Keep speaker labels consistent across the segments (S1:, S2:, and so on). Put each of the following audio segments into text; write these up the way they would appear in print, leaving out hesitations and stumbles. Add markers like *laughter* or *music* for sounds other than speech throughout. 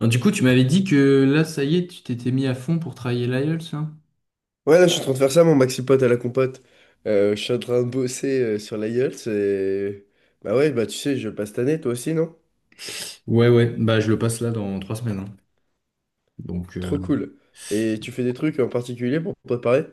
S1: Alors, du coup, tu m'avais dit que là, ça y est, tu t'étais mis à fond pour travailler l'IELTS, là?
S2: Ouais, là, je suis en train de faire ça, mon maxi pote à la compote. Je suis en train de bosser sur l'IELTS et... Bah ouais, bah tu sais, je le passe cette année, toi aussi, non?
S1: Ouais, ouais, bah je le passe là dans 3 semaines, hein. Donc
S2: Trop cool. Et tu fais des trucs en particulier pour te préparer?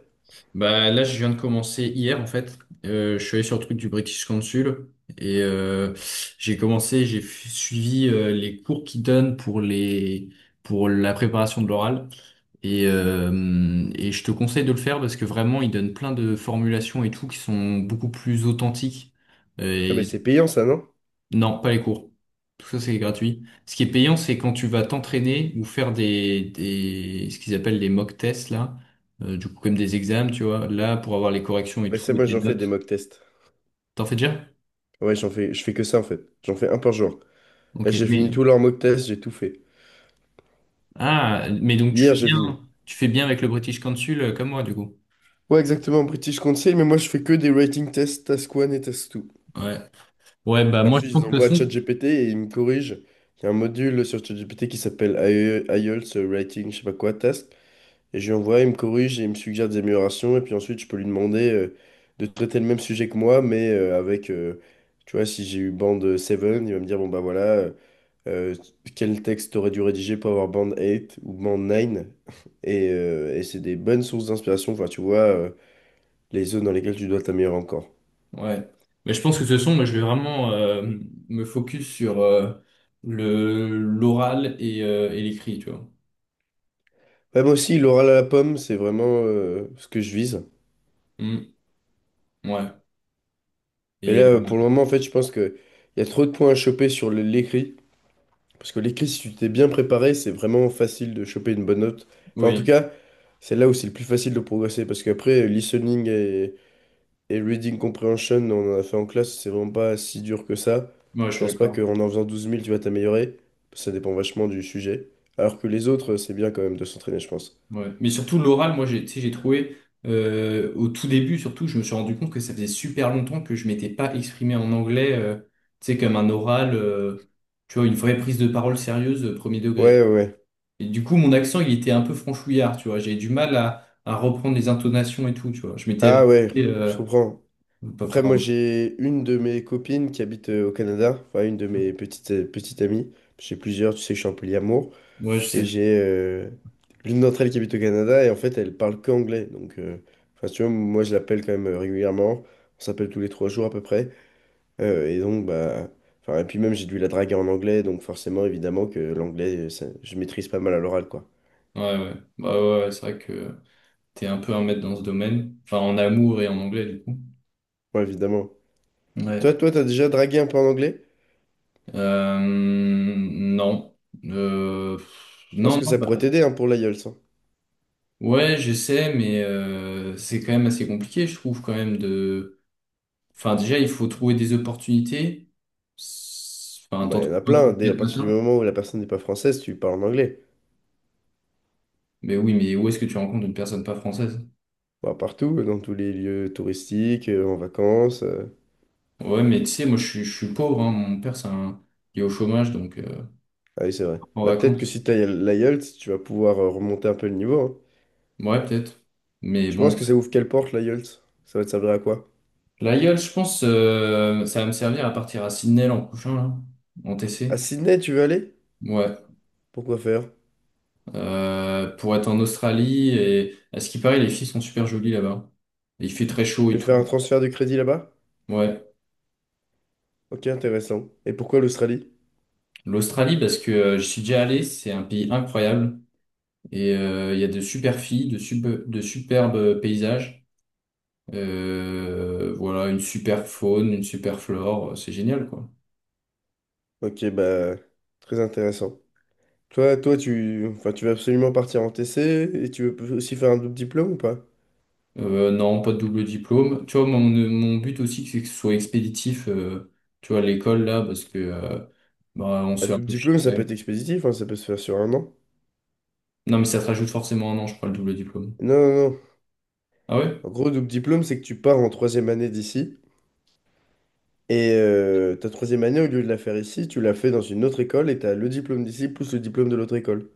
S1: bah là je viens de commencer hier en fait. Je suis allé sur le truc du British Council et j'ai suivi les cours qu'ils donnent pour les pour la préparation de l'oral. Et je te conseille de le faire parce que vraiment ils donnent plein de formulations et tout qui sont beaucoup plus authentiques.
S2: Ah, mais c'est payant, ça, non?
S1: Non, pas les cours. Tout ça, c'est gratuit. Ce qui est payant, c'est quand tu vas t'entraîner ou faire ce qu'ils appellent les mock tests, là. Du coup, comme des examens, tu vois. Là, pour avoir les corrections et
S2: Mais ça,
S1: tout, et
S2: moi,
S1: tes
S2: j'en fais des
S1: notes.
S2: mock tests.
S1: T'en fais déjà?
S2: Ouais, j'en fais... je fais que ça, en fait. J'en fais un par jour. Là,
S1: Ok.
S2: j'ai fini
S1: Mais,
S2: tous leurs mock tests, j'ai tout fait.
S1: ah, mais donc
S2: Hier, j'ai fini.
S1: tu fais bien avec le British Council, comme moi, du coup.
S2: Ouais, exactement, British Council, mais moi, je fais que des writing tests, task 1 et task 2.
S1: Ouais. Ouais, bah,
S2: Et
S1: moi, je
S2: ensuite, je les
S1: pense que
S2: envoie à
S1: ce son,
S2: ChatGPT et il me corrige. Il y a un module sur ChatGPT qui s'appelle IELTS Writing, je sais pas quoi, test. Et je lui envoie, il me corrige et il me suggère des améliorations. Et puis ensuite, je peux lui demander de traiter le même sujet que moi, mais avec, tu vois, si j'ai eu bande 7, il va me dire, bon bah voilà, euh, quel texte t'aurais dû rédiger pour avoir bande 8 ou bande 9? Et c'est des bonnes sources d'inspiration. Enfin, tu vois, les zones dans lesquelles tu dois t'améliorer encore.
S1: ouais. Mais je pense que ce son, moi, je vais vraiment, me focus sur, l'oral et l'écrit, tu vois.
S2: Ouais, moi aussi, l'oral à la pomme, c'est vraiment ce que je vise.
S1: Hmm, ouais.
S2: Mais
S1: Et,
S2: là, pour le moment, en fait, je pense que il y a trop de points à choper sur l'écrit. Parce que l'écrit, si tu t'es bien préparé, c'est vraiment facile de choper une bonne note. Enfin, en tout
S1: oui.
S2: cas, c'est là où c'est le plus facile de progresser. Parce qu'après, listening et reading comprehension, on en a fait en classe, c'est vraiment pas si dur que ça.
S1: Ouais, je
S2: Je
S1: suis
S2: pense pas
S1: d'accord.
S2: qu'en en faisant douze 000, tu vas t'améliorer. Ça dépend vachement du sujet. Alors que les autres, c'est bien quand même de s'entraîner, je pense.
S1: Ouais. Mais surtout, l'oral, moi, tu sais, j'ai trouvé, au tout début, surtout, je me suis rendu compte que ça faisait super longtemps que je m'étais pas exprimé en anglais, tu sais, comme un oral, tu vois, une vraie prise de parole sérieuse, premier
S2: Ouais,
S1: degré.
S2: ouais, ouais.
S1: Et du coup, mon accent, il était un peu franchouillard, tu vois. J'ai du mal à reprendre les intonations et tout, tu vois. Je m'étais
S2: Ah
S1: habitué,
S2: ouais, je
S1: euh,
S2: comprends. Après,
S1: enfin,
S2: moi, j'ai une de mes copines qui habite au Canada, enfin, une de mes petites amies. J'ai plusieurs, tu sais que je suis un polyamour.
S1: ouais, je
S2: Et
S1: sais.
S2: j'ai l'une d'entre elles qui habite au Canada, et en fait, elle parle qu'anglais. Donc, enfin, si tu vois, moi, je l'appelle quand même régulièrement. On s'appelle tous les 3 jours à peu près. Et donc, bah, enfin, et puis même, j'ai dû la draguer en anglais, donc forcément, évidemment, que l'anglais, je maîtrise pas mal à l'oral, quoi.
S1: Ouais, ouais. Bah, ouais, ouais, c'est vrai que t'es un peu un maître dans ce domaine. Enfin, en amour et en anglais, du coup.
S2: Ouais, évidemment.
S1: Ouais.
S2: Toi, toi, t'as déjà dragué un peu en anglais?
S1: Non. Euh,
S2: Je pense
S1: non,
S2: que
S1: non,
S2: ça
S1: bah,
S2: pourrait t'aider, hein, pour l'aïeul.
S1: ouais, j'essaie, mais c'est quand même assez compliqué, je trouve, quand même, de... Enfin, déjà, il faut trouver des opportunités. S- Enfin,
S2: Bah,
S1: t'en
S2: il y en
S1: trouves
S2: a
S1: pas
S2: plein.
S1: tous
S2: Dès
S1: les
S2: à
S1: quatre
S2: partir du
S1: matins.
S2: moment où la personne n'est pas française, tu parles en anglais.
S1: Mais oui, mais où est-ce que tu rencontres une personne pas française?
S2: Bah, partout, dans tous les lieux touristiques, en vacances.
S1: Ouais, mais tu sais, moi, je suis pauvre, hein. Mon père, c'est un... il est au chômage,
S2: Ah oui, c'est vrai.
S1: en
S2: Bah, peut-être que
S1: vacances.
S2: si t'as l'IELTS, tu vas pouvoir remonter un peu le niveau, hein.
S1: Ouais, peut-être. Mais
S2: Tu
S1: bon,
S2: penses que ça ouvre quelle porte, l'IELTS? Ça va te servir à quoi?
S1: la gueule, je pense, ça va me servir à partir à Sydney l'an prochain, là, en
S2: À
S1: TC.
S2: Sydney, tu veux aller?
S1: Ouais.
S2: Pourquoi faire?
S1: Pour être en Australie. Et à ce qui paraît, les filles sont super jolies là-bas. Et il fait très chaud
S2: Tu
S1: et
S2: veux
S1: tout.
S2: faire un transfert de crédit là-bas?
S1: Ouais.
S2: Ok, intéressant. Et pourquoi l'Australie?
S1: L'Australie, parce que je suis déjà allé, c'est un pays incroyable. Et il y a de super filles, de superbes paysages. Voilà, une super faune, une super flore, c'est génial, quoi.
S2: Ok, bah, très intéressant. Toi, toi, tu, enfin, tu veux absolument partir en TC et tu veux aussi faire un double diplôme ou pas?
S1: Non, pas de double diplôme. Tu vois, mon but aussi, c'est que ce soit expéditif, tu vois, à l'école, là, parce que bah, on se
S2: Un
S1: fait un
S2: double
S1: peu chier
S2: diplôme,
S1: quand
S2: ça peut être
S1: même.
S2: expéditif, hein, ça peut se faire sur un an.
S1: Non, mais ça te rajoute forcément un an, je crois, le double diplôme.
S2: Non, non, non.
S1: Ah ouais?
S2: En gros, double diplôme, c'est que tu pars en troisième année d'ici. Et ta troisième année, au lieu de la faire ici, tu la fais dans une autre école et t'as le diplôme d'ici plus le diplôme de l'autre école.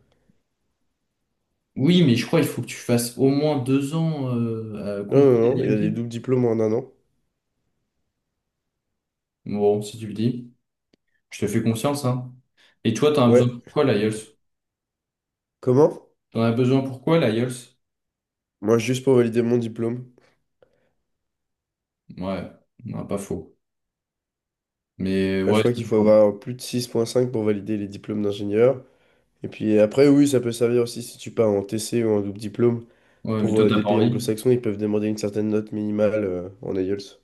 S1: Oui, mais je crois qu'il faut que tu fasses au moins 2 ans à
S2: Non,
S1: compo des
S2: non, non, il y a des
S1: DMT.
S2: doubles diplômes en un an.
S1: Bon, si tu le dis, je te fais confiance, hein. Et toi, t'en as
S2: Ouais.
S1: besoin pour quoi, l'IELTS?
S2: Comment?
S1: T'en as besoin pour quoi, l'IELTS?
S2: Moi, juste pour valider mon diplôme.
S1: Ouais, non, pas faux. Mais
S2: Bah, je
S1: ouais,
S2: crois qu'il faut avoir plus de 6,5 pour valider les diplômes d'ingénieur. Et puis après, oui, ça peut servir aussi si tu pars en TC ou en double diplôme.
S1: ouais, mais
S2: Pour
S1: toi, t'as
S2: des
S1: pas
S2: pays
S1: envie.
S2: anglo-saxons, ils peuvent demander une certaine note minimale en IELTS.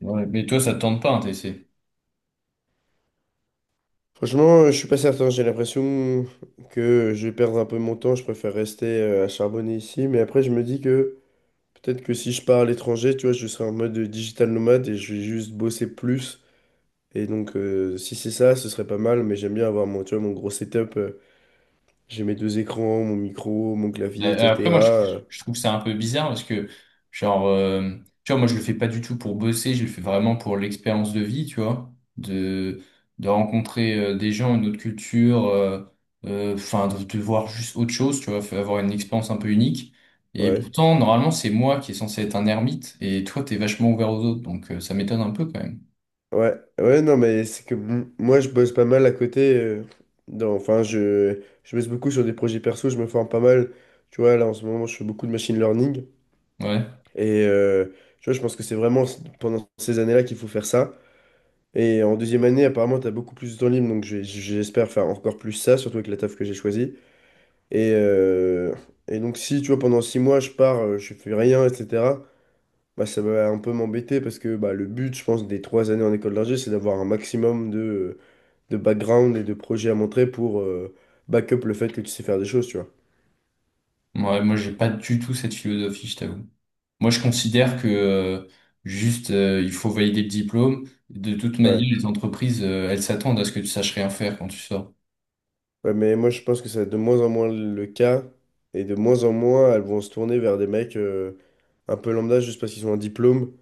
S1: Ouais, mais toi, ça te tente pas un TC.
S2: Franchement, je suis pas certain. J'ai l'impression que je vais perdre un peu mon temps. Je préfère rester à charbonner ici. Mais après, je me dis que peut-être que si je pars à l'étranger, tu vois, je serai en mode digital nomade et je vais juste bosser plus. Et donc, si c'est ça, ce serait pas mal. Mais j'aime bien avoir mon, tu vois, mon gros setup. J'ai mes deux écrans, mon micro, mon clavier,
S1: Après,
S2: etc.
S1: moi, je trouve ça un peu bizarre parce que, genre, tu vois, moi, je le fais pas du tout pour bosser, je le fais vraiment pour l'expérience de vie, tu vois, de rencontrer des gens, une autre culture, de voir juste autre chose, tu vois, faut avoir une expérience un peu unique. Et
S2: Ouais.
S1: pourtant, normalement, c'est moi qui est censé être un ermite et toi, t'es vachement ouvert aux autres, donc ça m'étonne un peu quand même.
S2: Ouais, ouais, non, mais c'est que moi, je bosse pas mal à côté. Dans, enfin, je bosse beaucoup sur des projets perso, je me forme pas mal. Tu vois, là, en ce moment, je fais beaucoup de machine learning.
S1: Ouais,
S2: Et tu vois, je pense que c'est vraiment pendant ces années-là qu'il faut faire ça. Et en deuxième année, apparemment, tu as beaucoup plus de temps libre. Donc, j'espère faire encore plus ça, surtout avec la taf que j'ai choisie. Et, euh, et donc, si, tu vois, pendant 6 mois, je pars, je fais rien, etc. Bah, ça va un peu m'embêter parce que bah, le but, je pense, des 3 années en école d'ingé, c'est d'avoir un maximum de background et de projet à montrer pour back-up le fait que tu sais faire des choses, tu vois.
S1: ouais, moi, j'ai pas du tout cette philosophie, je t'avoue. Moi, je considère que il faut valider le diplôme. De toute manière,
S2: Ouais.
S1: les entreprises, elles s'attendent à ce que tu saches rien faire quand tu sors.
S2: Ouais, mais moi je pense que c'est de moins en moins le cas et de moins en moins elles vont se tourner vers des mecs un peu lambda juste parce qu'ils ont un diplôme.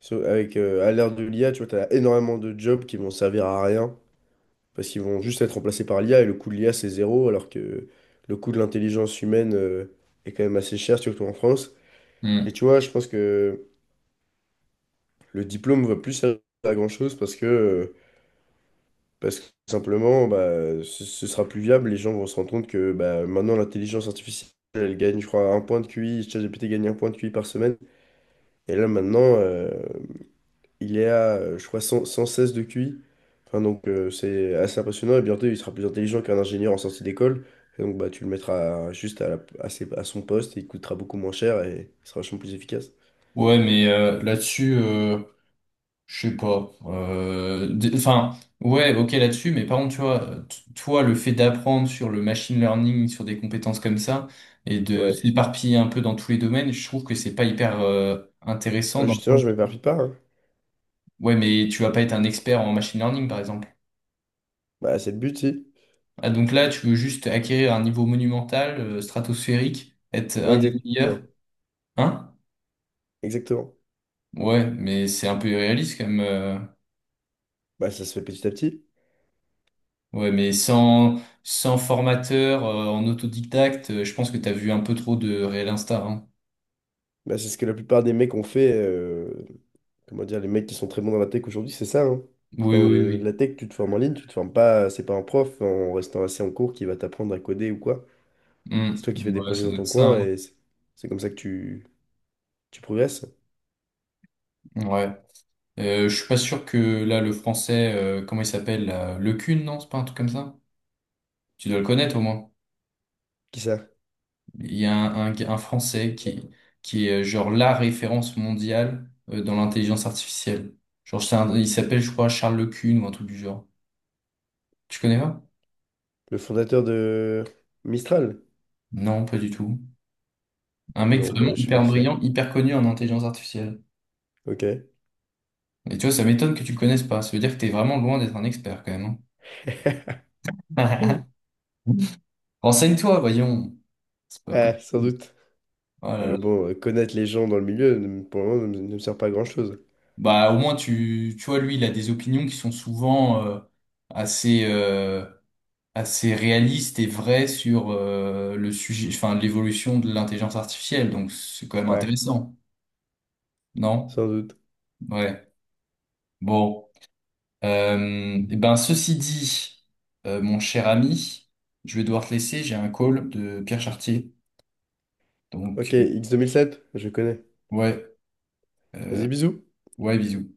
S2: Avec, à l'ère de l'IA, tu vois, t'as énormément de jobs qui vont servir à rien parce qu'ils vont juste être remplacés par l'IA et le coût de l'IA c'est zéro alors que le coût de l'intelligence humaine est quand même assez cher, surtout en France. Et
S1: Hmm.
S2: tu vois, je pense que le diplôme va plus servir à grand-chose parce que tout simplement, bah, ce sera plus viable. Les gens vont se rendre compte que bah, maintenant, l'intelligence artificielle, elle gagne, je crois, un point de QI. ChatGPT gagne un point de QI par semaine. Et là, maintenant, il est à, je crois, cent seize de QI. Enfin, donc, c'est assez impressionnant. Et bientôt, il sera plus intelligent qu'un ingénieur en sortie d'école. Et donc, bah, tu le mettras juste à, la- à, ses- à son poste. Et il coûtera beaucoup moins cher et il sera vachement plus efficace.
S1: Ouais, mais là-dessus, je sais pas. Enfin, ouais, ok là-dessus, mais par contre, tu vois, toi, le fait d'apprendre sur le machine learning, sur des compétences comme ça, et de
S2: Ouais.
S1: s'éparpiller un peu dans tous les domaines, je trouve que c'est pas hyper intéressant dans le
S2: Justement,
S1: sens.
S2: je m'éparpille pas, hein.
S1: Ouais, mais tu vas pas être un expert en machine learning, par exemple.
S2: Bah, c'est le but, si.
S1: Ah, donc là, tu veux juste acquérir un niveau monumental, stratosphérique, être
S2: Ouais,
S1: un des meilleurs.
S2: exactement.
S1: Hein?
S2: Exactement.
S1: Ouais, mais c'est un peu irréaliste quand même,
S2: Bah, ça se fait petit à petit.
S1: Ouais, mais sans formateur, en autodidacte, je pense que t'as vu un peu trop de Real Insta, hein.
S2: Bah, c'est ce que la plupart des mecs ont fait. Comment dire, les mecs qui sont très bons dans la tech aujourd'hui, c'est ça, hein.
S1: Oui,
S2: Enfin,
S1: oui,
S2: la
S1: oui.
S2: tech, tu te formes en ligne, tu te formes pas, c'est pas un prof en restant assis en cours qui va t'apprendre à coder ou quoi.
S1: Hmm.
S2: C'est toi qui fais des
S1: Ouais,
S2: projets
S1: ça
S2: dans
S1: doit être
S2: ton
S1: ça,
S2: coin
S1: hein.
S2: et c'est comme ça que tu progresses.
S1: Ouais. Je suis pas sûr que là, le français, comment il s'appelle, là, Le Cun, non? C'est pas un truc comme ça? Tu dois le connaître au moins.
S2: Qui ça?
S1: Il y a un Français qui est genre la référence mondiale dans l'intelligence artificielle. Genre, il s'appelle, je crois, Charles Lecune ou un truc du genre. Tu connais pas?
S2: Le fondateur de Mistral?
S1: Non, pas du tout. Un mec
S2: Non,
S1: vraiment
S2: bah, je sais pas
S1: hyper
S2: qui
S1: brillant,
S2: c'est.
S1: hyper connu en intelligence artificielle.
S2: Ok.
S1: Et tu vois, ça m'étonne que tu le connaisses pas. Ça veut dire que t'es vraiment loin d'être un expert quand même,
S2: *laughs*
S1: hein. *laughs* Renseigne-toi, voyons. C'est pas
S2: Ah, sans
S1: possible.
S2: doute.
S1: Oh
S2: Ah,
S1: là
S2: mais
S1: là.
S2: bon, connaître les gens dans le milieu, pour le moment, ne me sert pas à grand-chose.
S1: Bah, au moins, tu vois, lui, il a des opinions qui sont souvent assez, assez réaliste et vrai sur le sujet, enfin l'évolution de l'intelligence artificielle. Donc c'est quand même
S2: Ouais,
S1: intéressant, non?
S2: sans doute.
S1: Ouais. Bon, eh ben ceci dit, mon cher ami, je vais devoir te laisser. J'ai un call de Pierre Chartier.
S2: Ok,
S1: Donc
S2: X2007 je connais.
S1: ouais,
S2: Vas-y, bisous.
S1: ouais, bisous.